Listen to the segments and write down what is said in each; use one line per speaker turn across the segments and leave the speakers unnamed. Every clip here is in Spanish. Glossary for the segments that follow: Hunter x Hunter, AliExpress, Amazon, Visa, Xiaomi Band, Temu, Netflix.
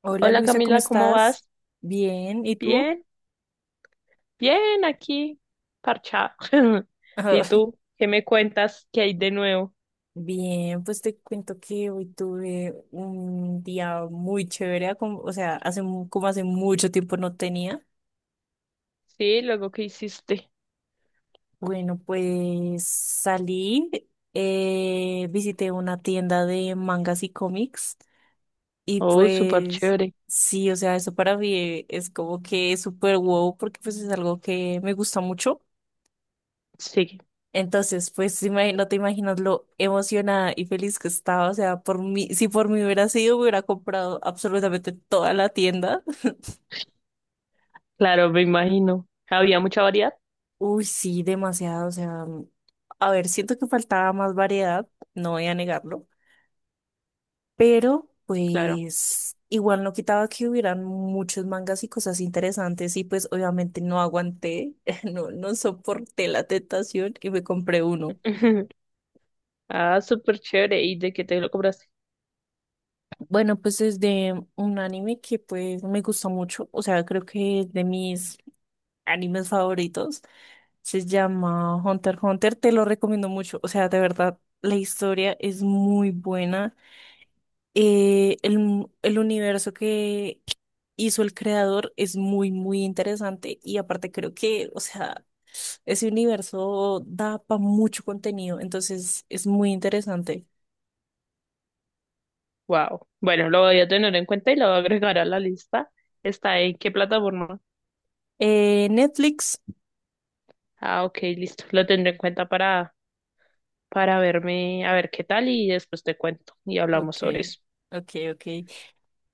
Hola
Hola
Luisa, ¿cómo
Camila, ¿cómo
estás?
vas?
Bien, ¿y tú?
Bien, bien, aquí, parchado.
Ah,
¿Y tú? ¿Qué me cuentas que hay de nuevo?
Bien, pues te cuento que hoy tuve un día muy chévere, hace, como hace mucho tiempo no tenía.
Sí, luego qué hiciste.
Bueno, pues salí, visité una tienda de mangas y cómics y
Oh, súper
pues
chévere.
sí, o sea, eso para mí es como que súper wow porque pues es algo que me gusta mucho.
Sí,
Entonces, pues no te imaginas lo emocionada y feliz que estaba. O sea, por mí, si por mí hubiera sido, me hubiera comprado absolutamente toda la tienda.
claro, me imagino. ¿Había mucha variedad?
Uy, sí, demasiado. O sea, a ver, siento que faltaba más variedad, no voy a negarlo, pero
Claro.
pues igual no quitaba que hubieran muchos mangas y cosas interesantes y pues obviamente no aguanté, no, no soporté la tentación y me compré uno.
Ah, súper chévere. ¿Y de qué te lo compraste?
Bueno, pues es de un anime que pues me gusta mucho, o sea, creo que es de mis animes favoritos. Se llama Hunter x Hunter, te lo recomiendo mucho, o sea, de verdad, la historia es muy buena. El universo que hizo el creador es muy, muy interesante y aparte creo que, o sea, ese universo da para mucho contenido, entonces es muy interesante.
Wow. Bueno, lo voy a tener en cuenta y lo voy a agregar a la lista. ¿Está en qué plataforma?
Netflix.
Ah, ok, listo. Lo tendré en cuenta para verme, a ver qué tal y después te cuento y hablamos
Ok,
sobre eso.
ok.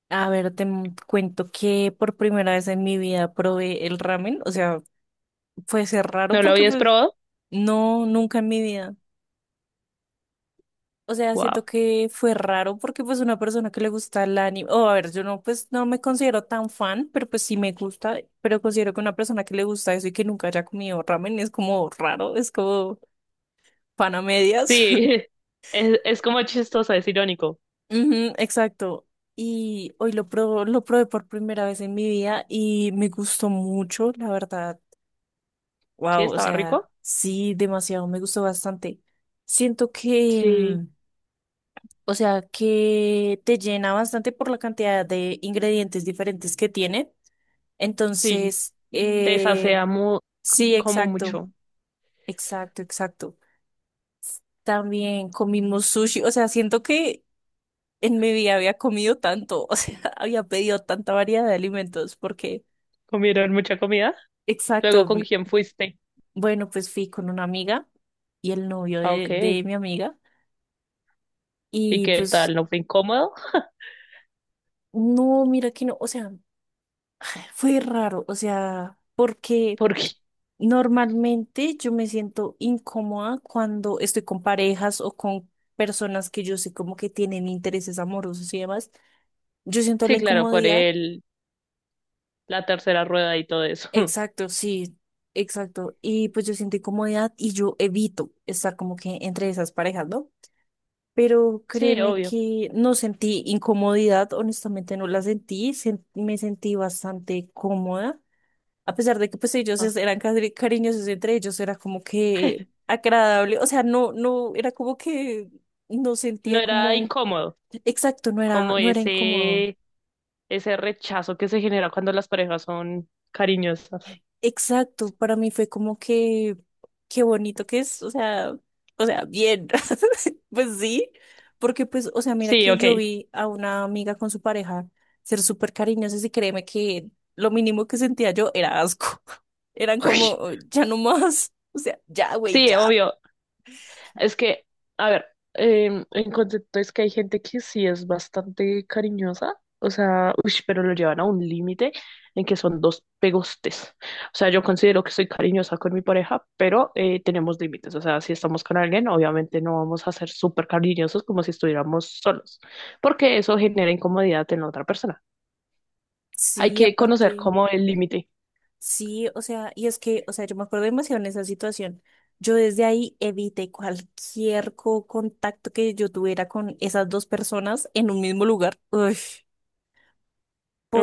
A ver, cuento que por primera vez en mi vida probé el ramen. O sea, fue ser raro
¿No lo
porque
habías
pues
probado?
no, nunca en mi vida. O sea, siento
Wow.
que fue raro porque pues una persona que le gusta el anime, o a ver, yo no, pues no me considero tan fan, pero pues sí me gusta, pero considero que una persona que le gusta eso y que nunca haya comido ramen es como raro, es como pan a medias.
Sí, es como chistoso, es irónico.
Ujú, exacto. Y hoy lo probé por primera vez en mi vida y me gustó mucho, la verdad.
Sí,
Wow, o
estaba
sea,
rico.
sí, demasiado, me gustó bastante. Siento que,
Sí,
o sea, que te llena bastante por la cantidad de ingredientes diferentes que tiene.
sí.
Entonces,
Te sacia mu-
sí,
como
exacto,
mucho.
exacto. También comimos sushi, o sea, siento que en mi vida había comido tanto, o sea, había pedido tanta variedad de alimentos, porque,
¿Comieron mucha comida? Luego,
exacto,
¿con quién fuiste?
bueno, pues fui con una amiga y el novio
Ah,
de
ok.
mi amiga.
¿Y
Y
qué
pues
tal? ¿No fue incómodo?
no, mira que no, o sea, fue raro, o sea, porque
Porque,
normalmente yo me siento incómoda cuando estoy con parejas o con personas que yo sé como que tienen intereses amorosos y demás. Yo siento
sí,
la
claro, por
incomodidad,
el, la tercera rueda y todo eso.
exacto, sí, exacto, y pues yo siento incomodidad y yo evito estar como que entre esas parejas, ¿no? Pero
Sí,
créeme
obvio.
que no sentí incomodidad, honestamente no la sentí, me sentí bastante cómoda. A pesar de que pues
Ah.
eran cariñosos entre ellos, era como que agradable, o sea, no, no, era como que no
No
sentía
era
como,
incómodo,
exacto, no era,
como
no era incómodo,
ese rechazo que se genera cuando las parejas son cariñosas.
exacto, para mí fue como que, qué bonito que es, o sea, bien, pues sí, porque pues, o sea, mira
Sí,
que
ok.
yo vi a una amiga con su pareja ser súper cariñosos y créeme que lo mínimo que sentía yo era asco, eran como, ya no más. O sea, ya, güey,
Sí,
ya.
obvio. Es que, a ver, en concepto es que hay gente que sí es bastante cariñosa, o sea, uy, pero lo llevan a un límite en que son dos pegostes. O sea, yo considero que soy cariñosa con mi pareja, pero tenemos límites. O sea, si estamos con alguien, obviamente no vamos a ser súper cariñosos como si estuviéramos solos, porque eso genera incomodidad en la otra persona. Hay
Sí,
que conocer
aparte,
como el límite.
sí, o sea, y es que, o sea, yo me acuerdo demasiado en esa situación. Yo desde ahí evité cualquier contacto que yo tuviera con esas dos personas en un mismo lugar. Uy,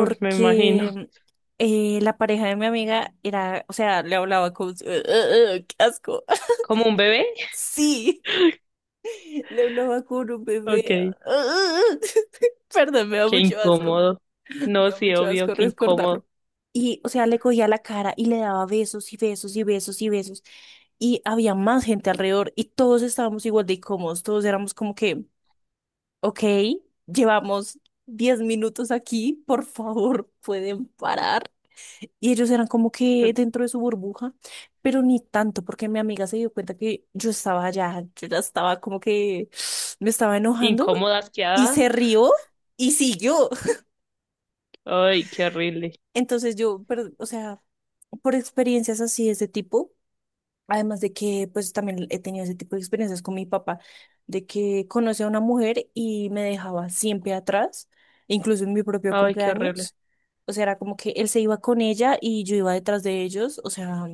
Uf, me imagino.
la pareja de mi amiga era, o sea, le hablaba con... ¡Ugh! ¡Qué asco!
¿Como un bebé?
Sí, le hablaba con un bebé.
Ok,
Perdón, me da
qué
mucho asco.
incómodo.
Me
No,
da
sí,
mucho
obvio,
asco
qué
recordarlo.
incómodo.
Y, o sea, le cogía la cara y le daba besos y besos y besos y besos. Y había más gente alrededor y todos estábamos igual de incómodos. Todos éramos como que, ok, llevamos 10 minutos aquí, por favor, pueden parar. Y ellos eran como que dentro de su burbuja, pero ni tanto, porque mi amiga se dio cuenta que yo estaba allá, yo ya estaba como que me estaba enojando
Incómoda,
y
asqueada.
se rió y siguió.
Ay, qué horrible.
Entonces yo, pero, o sea... por experiencias así de ese tipo, además de que pues también he tenido ese tipo de experiencias con mi papá, de que conocí a una mujer y me dejaba siempre atrás, incluso en mi propio
Ay, qué horrible.
cumpleaños. O sea, era como que él se iba con ella y yo iba detrás de ellos, o sea,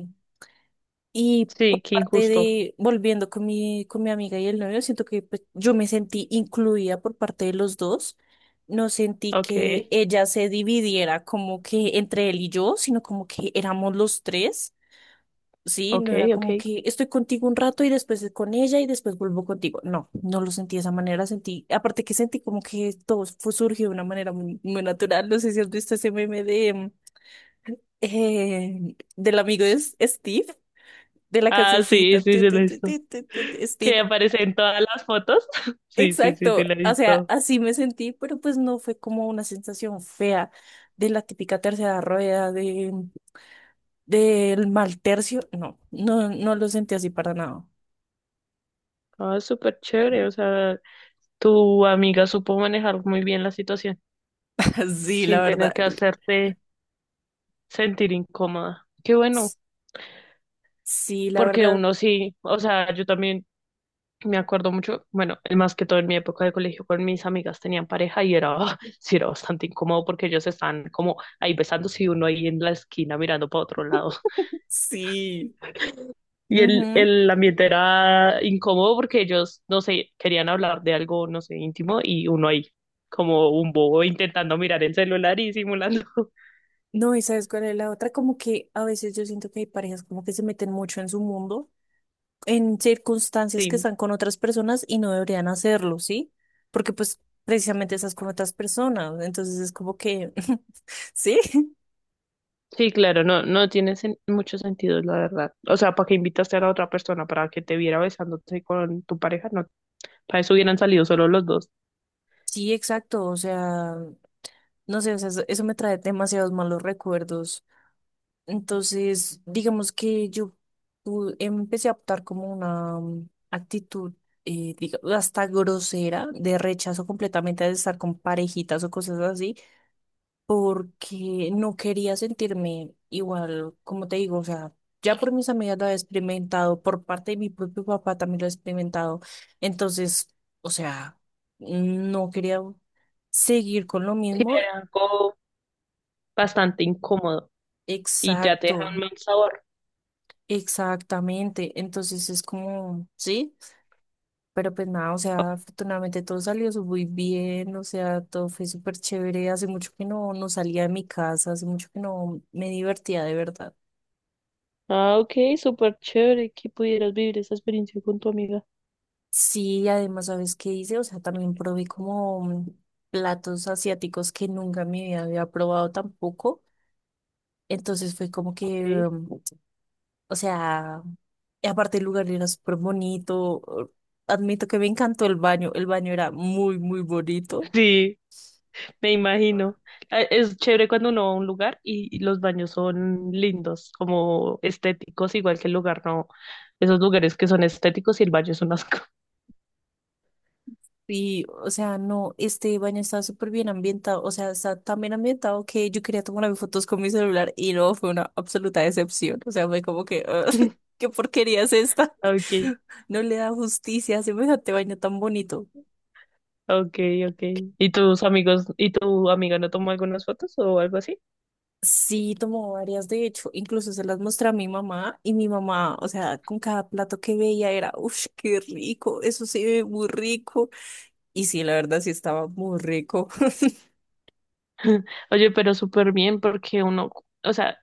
y
Sí,
por
qué
parte
injusto.
de, volviendo con mi amiga y el novio, siento que pues, yo me sentí incluida por parte de los dos. No sentí
Ok,
que ella se dividiera como que entre él y yo, sino como que éramos los tres. Sí,
ok,
no era
ok.
como que estoy contigo un rato y después con ella y después vuelvo contigo. No, no lo sentí de esa manera, sentí, aparte que sentí como que todo fue surgió de una manera muy, muy natural. No sé si has visto ese meme de del amigo de Steve, de la
Ah, sí,
cancioncita.
sí,
tu,
sí, lo
tu,
he
tu,
visto.
tu, tu, tu, tu,
Que
Steve,
aparece en todas las fotos. Sí, sí, sí, sí, lo
exacto.
he
O sea,
visto.
así me sentí, pero pues no fue como una sensación fea de la típica tercera rueda, de del mal tercio. No, no, no lo sentí así para nada.
Ah, súper chévere. O sea, tu amiga supo manejar muy bien la situación
Sí, la
sin
verdad.
tener que hacerte sentir incómoda. Qué bueno,
Sí, la
porque
verdad,
uno sí, o sea, yo también. Me acuerdo mucho, bueno, más que todo en mi época de colegio con mis amigas tenían pareja y era, sí, era bastante incómodo porque ellos están como ahí besándose y uno ahí en la esquina mirando para otro lado.
sí.
Y
Ujú.
el ambiente era incómodo porque ellos, no sé, querían hablar de algo, no sé, íntimo y uno ahí como un bobo intentando mirar el celular y simulando.
No, y sabes cuál es la otra, como que a veces yo siento que hay parejas como que se meten mucho en su mundo, en circunstancias que
Sí,
están con otras personas y no deberían hacerlo, ¿sí? Porque pues precisamente estás con otras personas, entonces es como que, ¿sí?
sí, claro, no, no tiene sen- mucho sentido, la verdad. O sea, ¿para qué invitaste a la otra persona para que te viera besándote con tu pareja? No, para eso hubieran salido solo los dos.
Sí, exacto, o sea, no sé, o sea, eso me trae demasiados malos recuerdos. Entonces, digamos que yo empecé a optar como una actitud, digamos, hasta grosera, de rechazo completamente de estar con parejitas o cosas así, porque no quería sentirme igual, como te digo, o sea, ya por mis amigas lo he experimentado, por parte de mi propio papá también lo he experimentado, entonces, o sea, no quería seguir con lo
Sí,
mismo,
era algo bastante incómodo y ya te deja
exacto.
un mal sabor.
Exactamente, entonces es como, sí, pero pues nada, o sea, afortunadamente todo salió muy bien, o sea, todo fue súper chévere, hace mucho que no, no salía de mi casa, hace mucho que no me divertía de verdad.
Ah, ok, súper chévere que pudieras vivir esa experiencia con tu amiga.
Sí, además, ¿sabes qué hice? O sea, también probé como platos asiáticos que nunca en mi vida había probado tampoco, entonces fue como que,
Okay.
o sea, y aparte el lugar era súper bonito, admito que me encantó el baño era muy, muy bonito.
Sí, me imagino. Ah, es chévere cuando uno va a un lugar y los baños son lindos, como estéticos, igual que el lugar, no. Esos lugares que son estéticos y el baño es un asco.
Y, o sea, no, este baño estaba súper bien ambientado, o sea, está tan bien ambientado que yo quería tomarme fotos con mi celular y no, fue una absoluta decepción. O sea, fue como que, "Ah, ¿qué porquería es esta?
Okay,
No le da justicia a semejante baño tan bonito.
okay, okay. ¿Y tus amigos y tu amiga no tomó algunas fotos o algo así?
Sí, tomó varias, de hecho, incluso se las mostré a mi mamá y mi mamá, o sea, con cada plato que veía era, uff, qué rico, eso se ve muy rico. Y sí, la verdad sí estaba muy rico.
Oye, pero súper bien porque uno, o sea,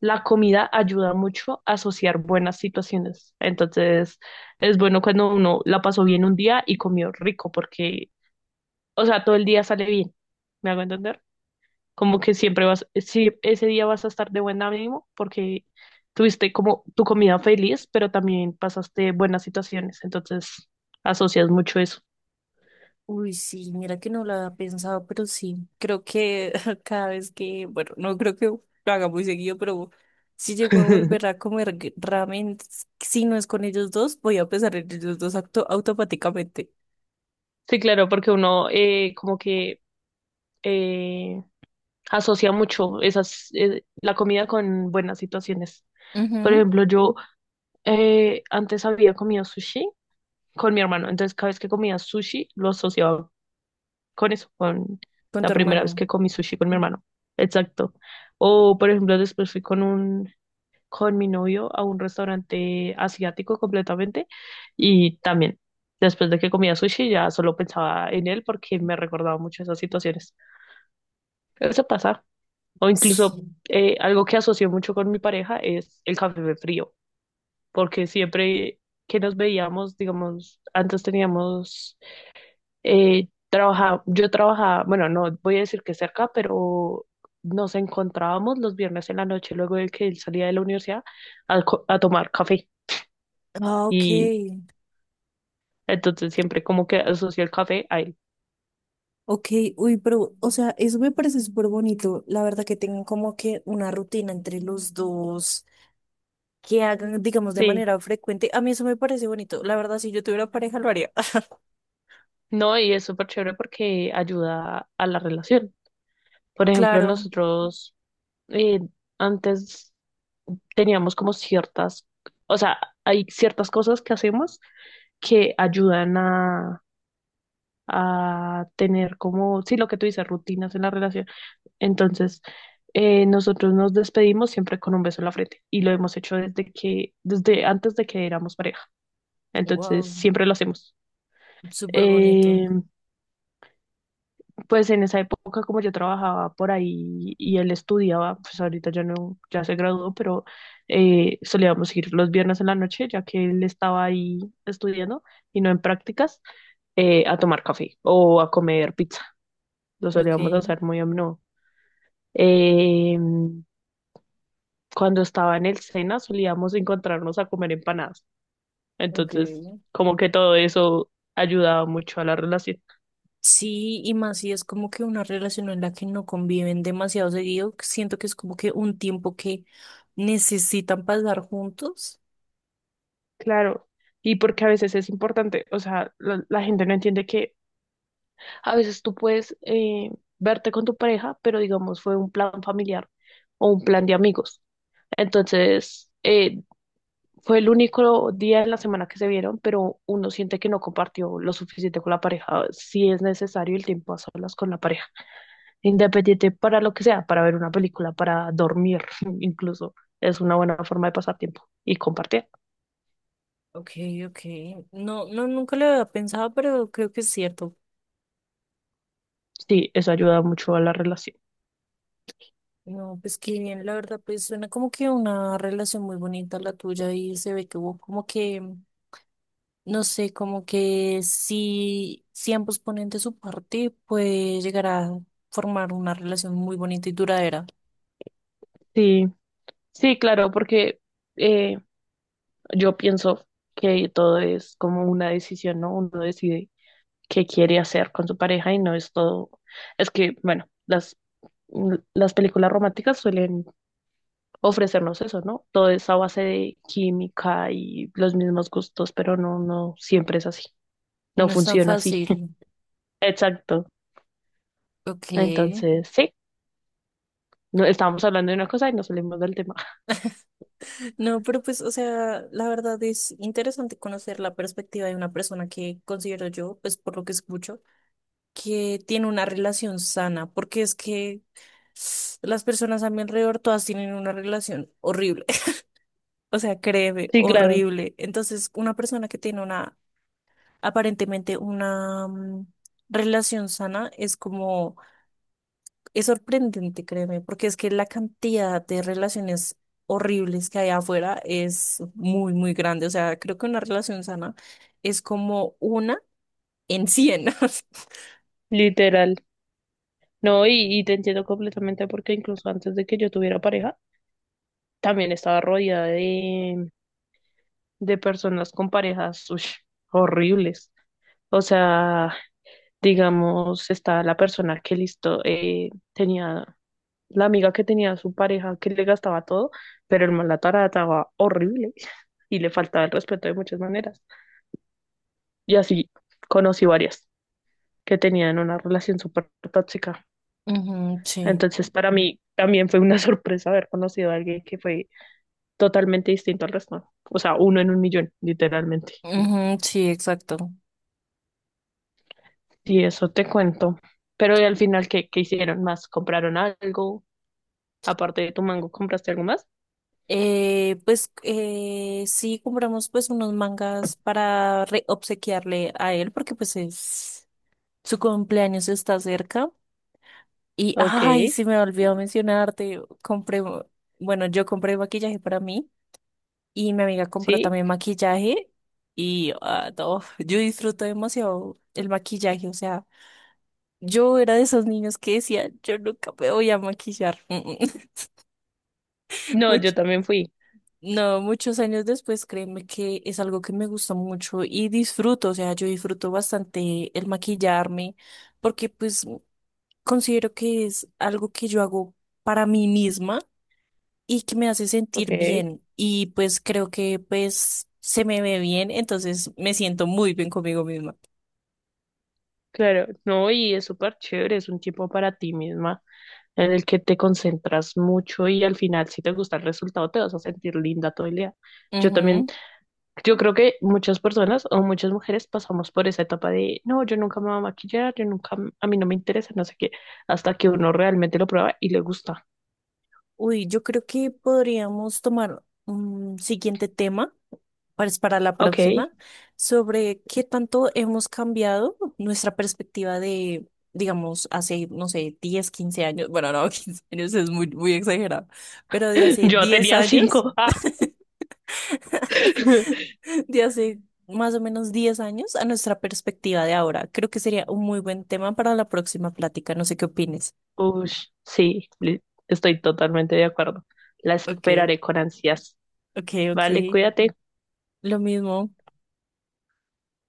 la comida ayuda mucho a asociar buenas situaciones. Entonces, es bueno cuando uno la pasó bien un día y comió rico, porque, o sea, todo el día sale bien. ¿Me hago entender? Como que siempre vas, si ese día vas a estar de buen ánimo porque tuviste como tu comida feliz, pero también pasaste buenas situaciones. Entonces, asocias mucho eso.
Uy, sí, mira que no lo había pensado, pero sí, creo que cada vez que, bueno, no creo que lo haga muy seguido, pero si llego a volver a comer ramen, si no es con ellos dos, voy a pensar en ellos dos automáticamente.
Sí, claro, porque uno como que eh, asocia mucho esas, la comida con buenas situaciones. Por
Ujú,
ejemplo, yo antes había comido sushi con mi hermano, entonces cada vez que comía sushi lo asociaba con eso, con
con
la
tu
primera vez
hermano.
que comí sushi con mi hermano. Exacto. O por ejemplo, después fui con un con mi novio a un restaurante asiático completamente y también después de que comía sushi ya solo pensaba en él porque me recordaba mucho esas situaciones. Eso pasa. O incluso
Sí.
algo que asocio mucho con mi pareja es el café frío. Porque siempre que nos veíamos, digamos, antes teníamos, trabaja- yo trabajaba, bueno, no voy a decir que cerca, pero nos encontrábamos los viernes en la noche luego de que él salía de la universidad a, co- a tomar café
Ah, ok,
y entonces siempre como que asocio el café a él.
ok, uy, pero, o sea, eso me parece súper bonito, la verdad que tengan como que una rutina entre los dos, que hagan, digamos, de
Sí,
manera frecuente, a mí eso me parece bonito, la verdad, si yo tuviera pareja lo haría,
no, y es súper chévere porque ayuda a la relación. Por ejemplo,
claro.
nosotros eh, antes teníamos como ciertas, o sea, hay ciertas cosas que hacemos que ayudan a tener como, sí, lo que tú dices, rutinas en la relación. Entonces, nosotros nos despedimos siempre con un beso en la frente y lo hemos hecho desde que, desde antes de que éramos pareja. Entonces,
Wow,
siempre lo hacemos.
súper bonito.
Eh, pues en esa época, como yo trabajaba por ahí y él estudiaba, pues ahorita ya no, ya se graduó, pero solíamos ir los viernes en la noche, ya que él estaba ahí estudiando y no en prácticas. Eh, a tomar café o a comer pizza. Lo solíamos
Okay,
hacer muy a menudo. Eh, cuando estaba en el Sena solíamos encontrarnos a comer empanadas. Entonces,
okay.
como que todo eso ayudaba mucho a la relación.
Sí, y más si es como que una relación en la que no conviven demasiado seguido, que siento que es como que un tiempo que necesitan pasar juntos.
Claro, y porque a veces es importante, o sea, la gente no entiende que a veces tú puedes verte con tu pareja, pero digamos fue un plan familiar o un plan de amigos. Entonces, fue el único día en la semana que se vieron, pero uno siente que no compartió lo suficiente con la pareja, si es necesario el tiempo a solas con la pareja, independiente para lo que sea, para ver una película, para dormir, incluso es una buena forma de pasar tiempo y compartir.
Okay, okay. No, no, nunca lo había pensado, pero creo que es cierto.
Sí, eso ayuda mucho a la relación.
No, pues qué bien, la verdad, pues suena como que una relación muy bonita la tuya y se ve que hubo como que no sé, como que si, si ambos ponen de su parte, puede llegar a formar una relación muy bonita y duradera.
Sí, sí, claro, porque eh, yo pienso que todo es como una decisión, ¿no? Uno decide qué quiere hacer con su pareja y no es todo, es que, bueno, las l- las películas románticas suelen ofrecernos eso, ¿no? Todo es a base de química y los mismos gustos, pero no, no siempre es así. No
No es tan
funciona así.
fácil.
Exacto.
Ok.
Entonces, sí, no, estábamos hablando de una cosa y nos salimos del tema.
No, pero pues, o sea, la verdad es interesante conocer la perspectiva de una persona que considero yo, pues por lo que escucho, que tiene una relación sana, porque es que las personas a mi alrededor todas tienen una relación horrible, o sea, créeme,
Sí, claro,
horrible. Entonces, una persona que tiene una, aparentemente una relación sana es como, es sorprendente, créeme, porque es que la cantidad de relaciones horribles que hay afuera es muy, muy grande. O sea, creo que una relación sana es como una en 100.
literal. No, y te entiendo completamente porque incluso antes de que yo tuviera pareja, también estaba rodeada de personas con parejas, ush, horribles. O sea, digamos, está la persona que listo, tenía la amiga que tenía su pareja que le gastaba todo, pero el man la trataba horrible y le faltaba el respeto de muchas maneras. Y así conocí varias que tenían una relación súper tóxica.
Ujú, sí.
Entonces, para mí también fue una sorpresa haber conocido a alguien que fue totalmente distinto al resto. O sea, uno en un millón, literalmente.
Ujú, sí, exacto.
Y eso te cuento. Pero ¿y al final, ¿qué, qué hicieron más? ¿Compraron algo? Aparte de tu mango, ¿compraste algo más?
Pues sí compramos pues unos mangas para obsequiarle a él porque pues es su cumpleaños está cerca y
Ok,
ay se me olvidó mencionarte compré bueno yo compré maquillaje para mí y mi amiga compró
sí.
también maquillaje y ah, no, yo disfruto demasiado el maquillaje o sea yo era de esos niños que decía yo nunca me voy a maquillar.
No,
Mucho
yo también fui.
no, muchos años después, créeme que es algo que me gusta mucho y disfruto, o sea, yo disfruto bastante el maquillarme porque pues considero que es algo que yo hago para mí misma y que me hace
Ok,
sentir bien y pues creo que pues se me ve bien, entonces me siento muy bien conmigo misma.
claro. No, y es súper chévere, es un tiempo para ti misma en el que te concentras mucho y al final si te gusta el resultado te vas a sentir linda todo el día. Yo también, yo creo que muchas personas o muchas mujeres pasamos por esa etapa de, no, yo nunca me voy a maquillar, yo nunca, m- a mí no me interesa, no sé qué, hasta que uno realmente lo prueba y le gusta.
Uy, yo creo que podríamos tomar un siguiente tema para la
Ok,
próxima sobre qué tanto hemos cambiado nuestra perspectiva de, digamos, hace, no sé, 10, 15 años. Bueno, no, 15 años es muy, muy exagerado, pero de hace
yo
10
tenía
años,
5. Ah.
de hace más o menos 10 años a nuestra perspectiva de ahora. Creo que sería un muy buen tema para la próxima plática. No sé qué opines.
Ush, sí, li- estoy totalmente de acuerdo. La
Ok,
esperaré con ansias.
ok.
Vale, cuídate.
Lo mismo.